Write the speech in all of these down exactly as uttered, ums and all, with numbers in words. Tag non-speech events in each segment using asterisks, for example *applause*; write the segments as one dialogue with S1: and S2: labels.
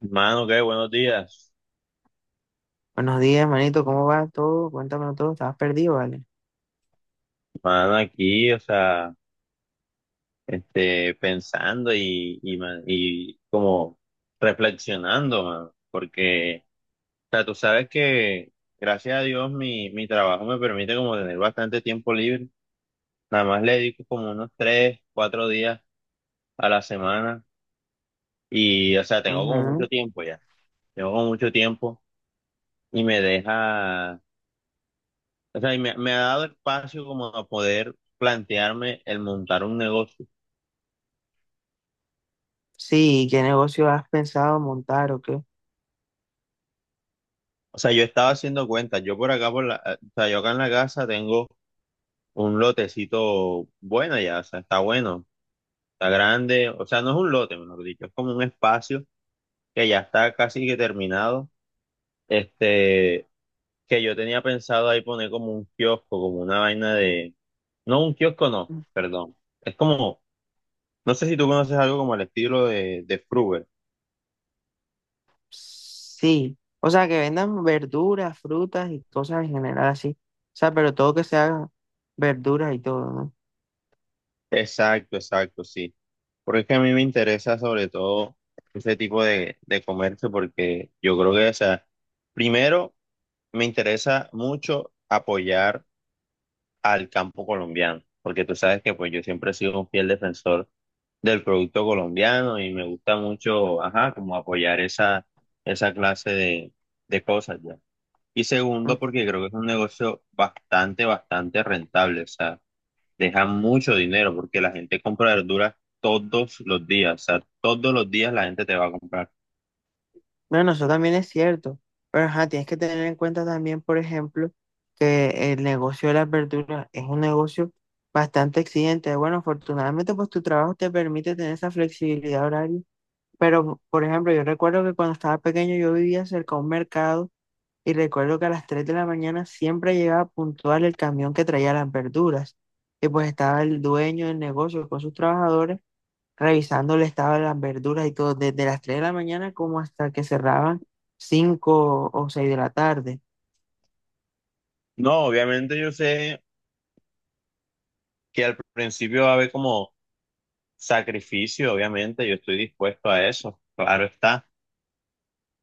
S1: Mano, qué buenos días.
S2: Buenos días, manito, ¿cómo va todo? Cuéntame todo, estabas perdido, ¿vale?
S1: Mano, aquí, o sea, este, pensando y, y, ma- y como reflexionando, mano, porque, o sea, tú sabes que gracias a Dios mi, mi trabajo me permite como tener bastante tiempo libre. Nada más le dedico como unos tres, cuatro días a la semana y, o sea, tengo como
S2: Ujú.
S1: mucho tiempo ya. Tengo como mucho tiempo y me deja, o sea, y me, me ha dado espacio como a poder plantearme el montar un negocio.
S2: Sí, ¿qué negocio has pensado montar o qué?
S1: O sea, yo estaba haciendo cuentas. Yo por acá, por la, eh, o sea, yo acá en la casa tengo un lotecito bueno ya, o sea, está bueno, está grande. O sea, no es un lote, mejor dicho, es como un espacio que ya está casi que terminado. Este, que yo tenía pensado ahí poner como un kiosco, como una vaina de, no, un kiosco no,
S2: Mm.
S1: perdón. Es como, no sé si tú conoces algo como el estilo de, de Fruver.
S2: Sí, o sea, que vendan verduras, frutas y cosas en general así. O sea, pero todo que sea verduras y todo, ¿no?
S1: Exacto, exacto, sí. Porque es que a mí me interesa sobre todo ese tipo de, de comercio porque yo creo que, o sea, primero me interesa mucho apoyar al campo colombiano, porque tú sabes que pues yo siempre he sido un fiel defensor del producto colombiano y me gusta mucho, ajá, como apoyar esa, esa clase de, de cosas ya. Y segundo,
S2: Mm.
S1: porque creo que es un negocio bastante, bastante rentable, o sea, dejan mucho dinero porque la gente compra verduras todos los días, o sea, todos los días la gente te va a comprar.
S2: Bueno, eso también es cierto, pero ajá, tienes que tener en cuenta también, por ejemplo, que el negocio de las verduras es un negocio bastante exigente. Bueno, afortunadamente, pues tu trabajo te permite tener esa flexibilidad horaria. Pero, por ejemplo, yo recuerdo que cuando estaba pequeño yo vivía cerca de un mercado y recuerdo que a las tres de la mañana siempre llegaba puntual el camión que traía las verduras. Y pues estaba el dueño del negocio con sus trabajadores revisando el estado de las verduras y todo, desde las tres de la mañana como hasta que cerraban cinco o seis de la tarde.
S1: No, obviamente yo sé que al principio va a haber como sacrificio, obviamente yo estoy dispuesto a eso, claro está.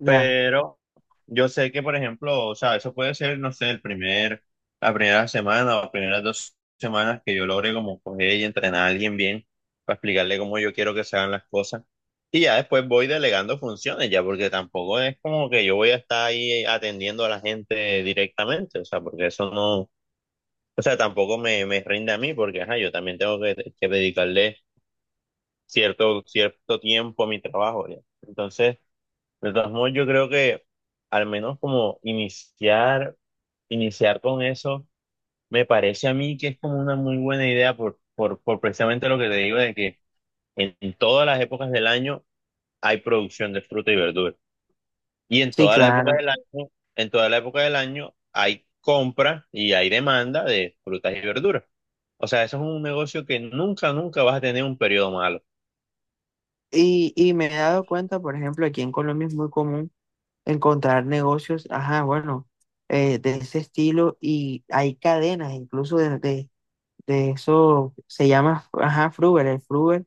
S2: Ya,
S1: Pero yo sé que, por ejemplo, o sea, eso puede ser, no sé, el primer, la primera semana o primeras dos semanas que yo logre como coger y entrenar a alguien bien para explicarle cómo yo quiero que se hagan las cosas. Y ya después voy delegando funciones, ya, porque tampoco es como que yo voy a estar ahí atendiendo a la gente directamente, o sea, porque eso no, o sea, tampoco me, me rinde a mí, porque, ajá, yo también tengo que, que dedicarle cierto, cierto tiempo a mi trabajo, ya. Entonces... De todos modos, yo creo que al menos como iniciar, iniciar con eso, me parece a mí que es como una muy buena idea por, por, por precisamente lo que te digo de que en, en todas las épocas del año hay producción de fruta y verdura. Y en
S2: sí,
S1: toda la época
S2: claro.
S1: del año, en toda la época del año hay compra y hay demanda de frutas y verduras. O sea, eso es un negocio que nunca, nunca vas a tener un periodo malo.
S2: Y, y me he dado cuenta, por ejemplo, aquí en Colombia es muy común encontrar negocios, ajá, bueno, eh, de ese estilo y hay cadenas incluso de, de, de eso, se llama, ajá, Fruver, el Fruver,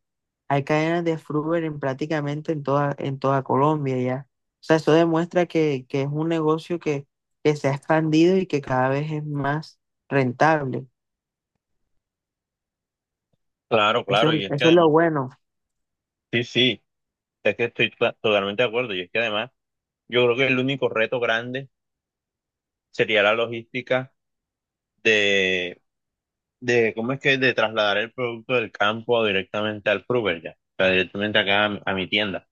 S2: hay cadenas de Fruver en prácticamente en toda, en toda Colombia ya. O sea, eso demuestra que, que es un negocio que, que se ha expandido y que cada vez es más rentable.
S1: Claro,
S2: Eso,
S1: claro, y es que
S2: eso es lo
S1: además,
S2: bueno,
S1: sí, sí, es que estoy to- totalmente de acuerdo, y es que además yo creo que el único reto grande sería la logística de, de ¿cómo es que? De trasladar el producto del campo directamente al Fruver ya, o sea, directamente acá a, mi a mi tienda.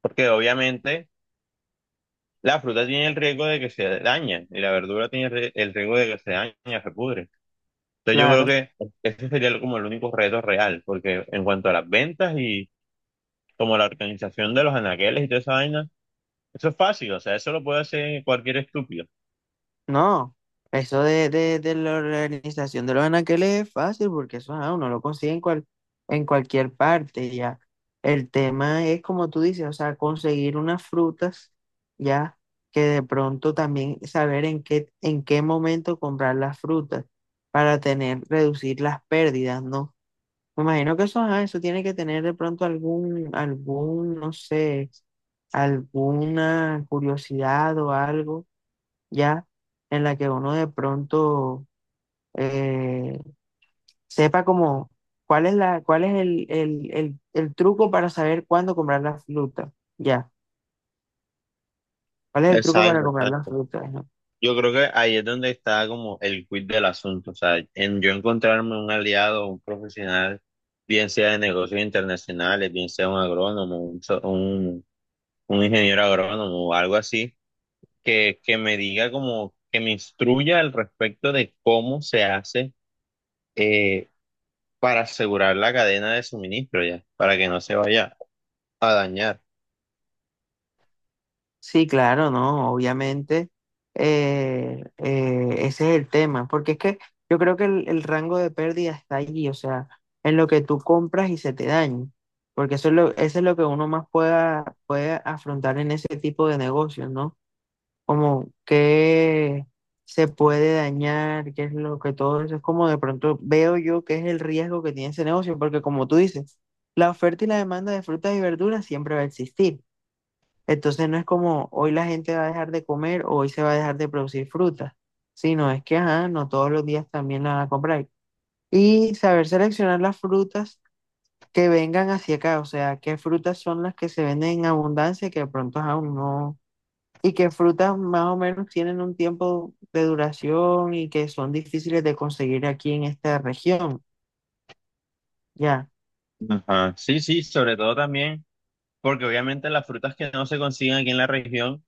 S1: Porque obviamente la fruta tiene el riesgo de que se dañe y la verdura tiene el rie- el riesgo de que se dañe, se pudre. Entonces yo creo
S2: claro.
S1: que ese sería como el único reto real, porque en cuanto a las ventas y como la organización de los anaqueles y toda esa vaina, eso es fácil, o sea, eso lo puede hacer cualquier estúpido.
S2: No, eso de, de, de la organización de los anaqueles es fácil porque eso ah, uno lo consigue en, cual, en cualquier parte, ya. El tema es, como tú dices, o sea, conseguir unas frutas, ya, que de pronto también saber en qué, en qué momento comprar las frutas para tener, reducir las pérdidas, ¿no? Me imagino que eso, ajá, eso tiene que tener de pronto algún, algún, no sé, alguna curiosidad o algo ya, en la que uno de pronto eh, sepa como cuál es la, cuál es el, el, el, el truco para saber cuándo comprar la fruta, ya, cuál es el truco para
S1: Exacto,
S2: comprar la
S1: exacto.
S2: fruta, ¿no?
S1: Yo creo que ahí es donde está como el quid del asunto, o sea, en yo encontrarme un aliado, un profesional, bien sea de negocios internacionales, bien sea un agrónomo, un, so- un, un ingeniero agrónomo o algo así, que, que me diga como, que me instruya al respecto de cómo se hace eh, para asegurar la cadena de suministro ya, para que no se vaya a dañar.
S2: Sí, claro, no, obviamente eh, eh, ese es el tema, porque es que yo creo que el, el rango de pérdida está allí, o sea, en lo que tú compras y se te daña. Porque eso es lo, eso es lo que uno más pueda, puede afrontar en ese tipo de negocios, ¿no? Como qué se puede dañar, qué es lo que todo eso es como de pronto veo yo que es el riesgo que tiene ese negocio, porque como tú dices, la oferta y la demanda de frutas y verduras siempre va a existir. Entonces no es como hoy la gente va a dejar de comer o hoy se va a dejar de producir frutas, sino es que, ajá, no todos los días también la van a comprar. Y saber seleccionar las frutas que vengan hacia acá, o sea, qué frutas son las que se venden en abundancia y que de pronto aún no y que frutas más o menos tienen un tiempo de duración y que son difíciles de conseguir aquí en esta región. Ya,
S1: Ajá, sí, sí, sobre todo también, porque obviamente las frutas que no se consiguen aquí en la región,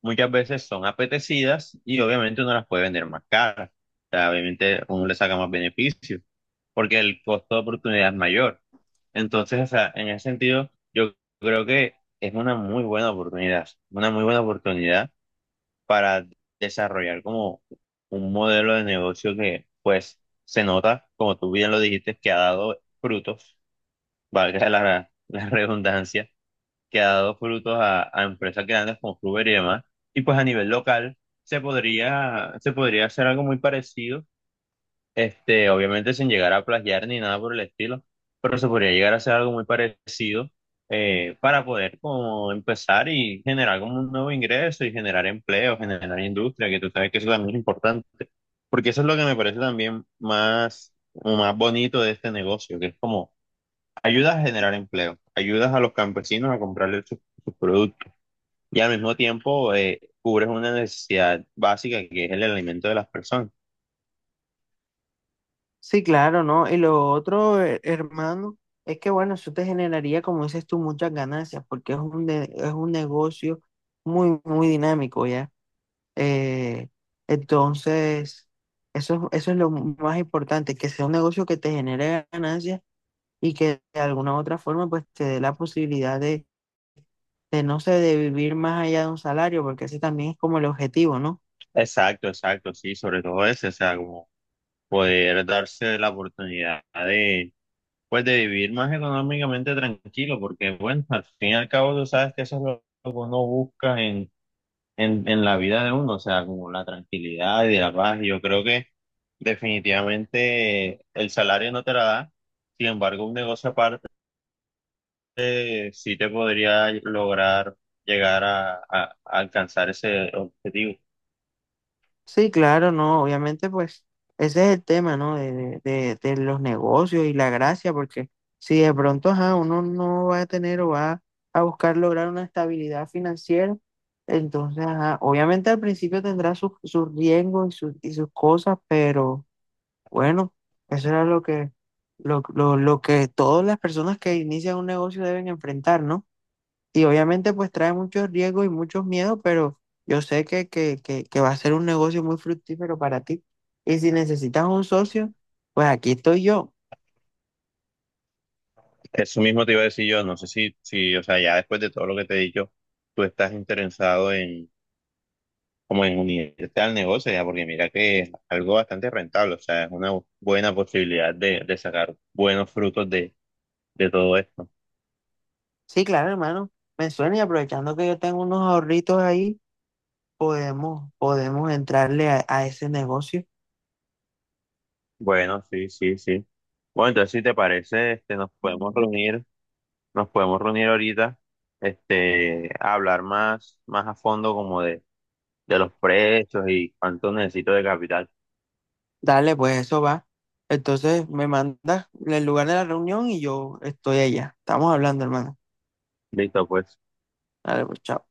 S1: muchas veces son apetecidas y obviamente uno las puede vender más caras. O sea, obviamente uno le saca más beneficio porque el costo de oportunidad es mayor. Entonces, o sea, en ese sentido, yo creo que es una muy buena oportunidad, una muy buena oportunidad para desarrollar como un modelo de negocio que, pues, se nota, como tú bien lo dijiste, que ha dado frutos, valga *laughs* la, la redundancia que ha dado frutos a, a empresas grandes como Uber y demás. Y pues a nivel local se podría, se podría hacer algo muy parecido, este, obviamente sin llegar a plagiar ni nada por el estilo, pero se podría llegar a hacer algo muy parecido, eh, para poder como empezar y generar como un nuevo ingreso y generar empleo, generar industria, que tú sabes que eso también es importante. Porque eso es lo que me parece también más, más bonito de este negocio, que es como ayudas a generar empleo, ayudas a los campesinos a comprarle sus sus productos y al mismo tiempo, eh, cubres una necesidad básica que es el alimento de las personas.
S2: sí, claro, ¿no? Y lo otro, he- hermano, es que bueno, eso te generaría, como dices tú, muchas ganancias porque es un, ne- es un negocio muy, muy dinámico, ¿ya? Eh, entonces, eso, eso es lo más importante, que sea un negocio que te genere ganancias y que de alguna u otra forma pues te dé la posibilidad de de no sé, de vivir más allá de un salario, porque ese también es como el objetivo, ¿no?
S1: Exacto, exacto, sí, sobre todo ese, o sea, como poder darse la oportunidad de, pues, de vivir más económicamente tranquilo, porque bueno, al fin y al cabo tú sabes que eso es lo lo que uno busca en en, en la vida de uno, o sea, como la tranquilidad y la paz. Yo creo que definitivamente el salario no te la da, sin embargo, un negocio aparte, eh, sí te podría lograr llegar a, a- a alcanzar ese objetivo.
S2: Sí, claro, no, obviamente pues ese es el tema, ¿no? De, de, de- de los negocios y la gracia, porque si de pronto, ajá, uno no va a tener o va a buscar lograr una estabilidad financiera, entonces, ajá, obviamente al principio tendrá sus, sus riesgos y sus, y sus cosas, pero bueno, eso era lo que, lo, lo, lo que todas las personas que inician un negocio deben enfrentar, ¿no? Y obviamente pues trae muchos riesgos y muchos miedos, pero yo sé que, que, que, que va a ser un negocio muy fructífero para ti. Y si necesitas un socio, pues aquí estoy yo.
S1: Eso mismo te iba a decir yo, no sé si, si, o sea, ya después de todo lo que te he dicho, tú estás interesado en, como en unirte al negocio, ya, porque mira que es algo bastante rentable, o sea, es una buena posibilidad de, de sacar buenos frutos de, de todo esto.
S2: Sí, claro, hermano, me suena y aprovechando que yo tengo unos ahorritos ahí, podemos, podemos entrarle a, a ese negocio.
S1: Bueno, sí, sí, sí. Bueno, entonces si te parece, este, nos podemos reunir, nos podemos reunir ahorita, este, a hablar más, más a fondo como de, de los precios y cuánto necesito de capital.
S2: Dale, pues eso va. Entonces me mandas el lugar de la reunión y yo estoy allá. Estamos hablando, hermano.
S1: Listo, pues.
S2: Dale, pues chao.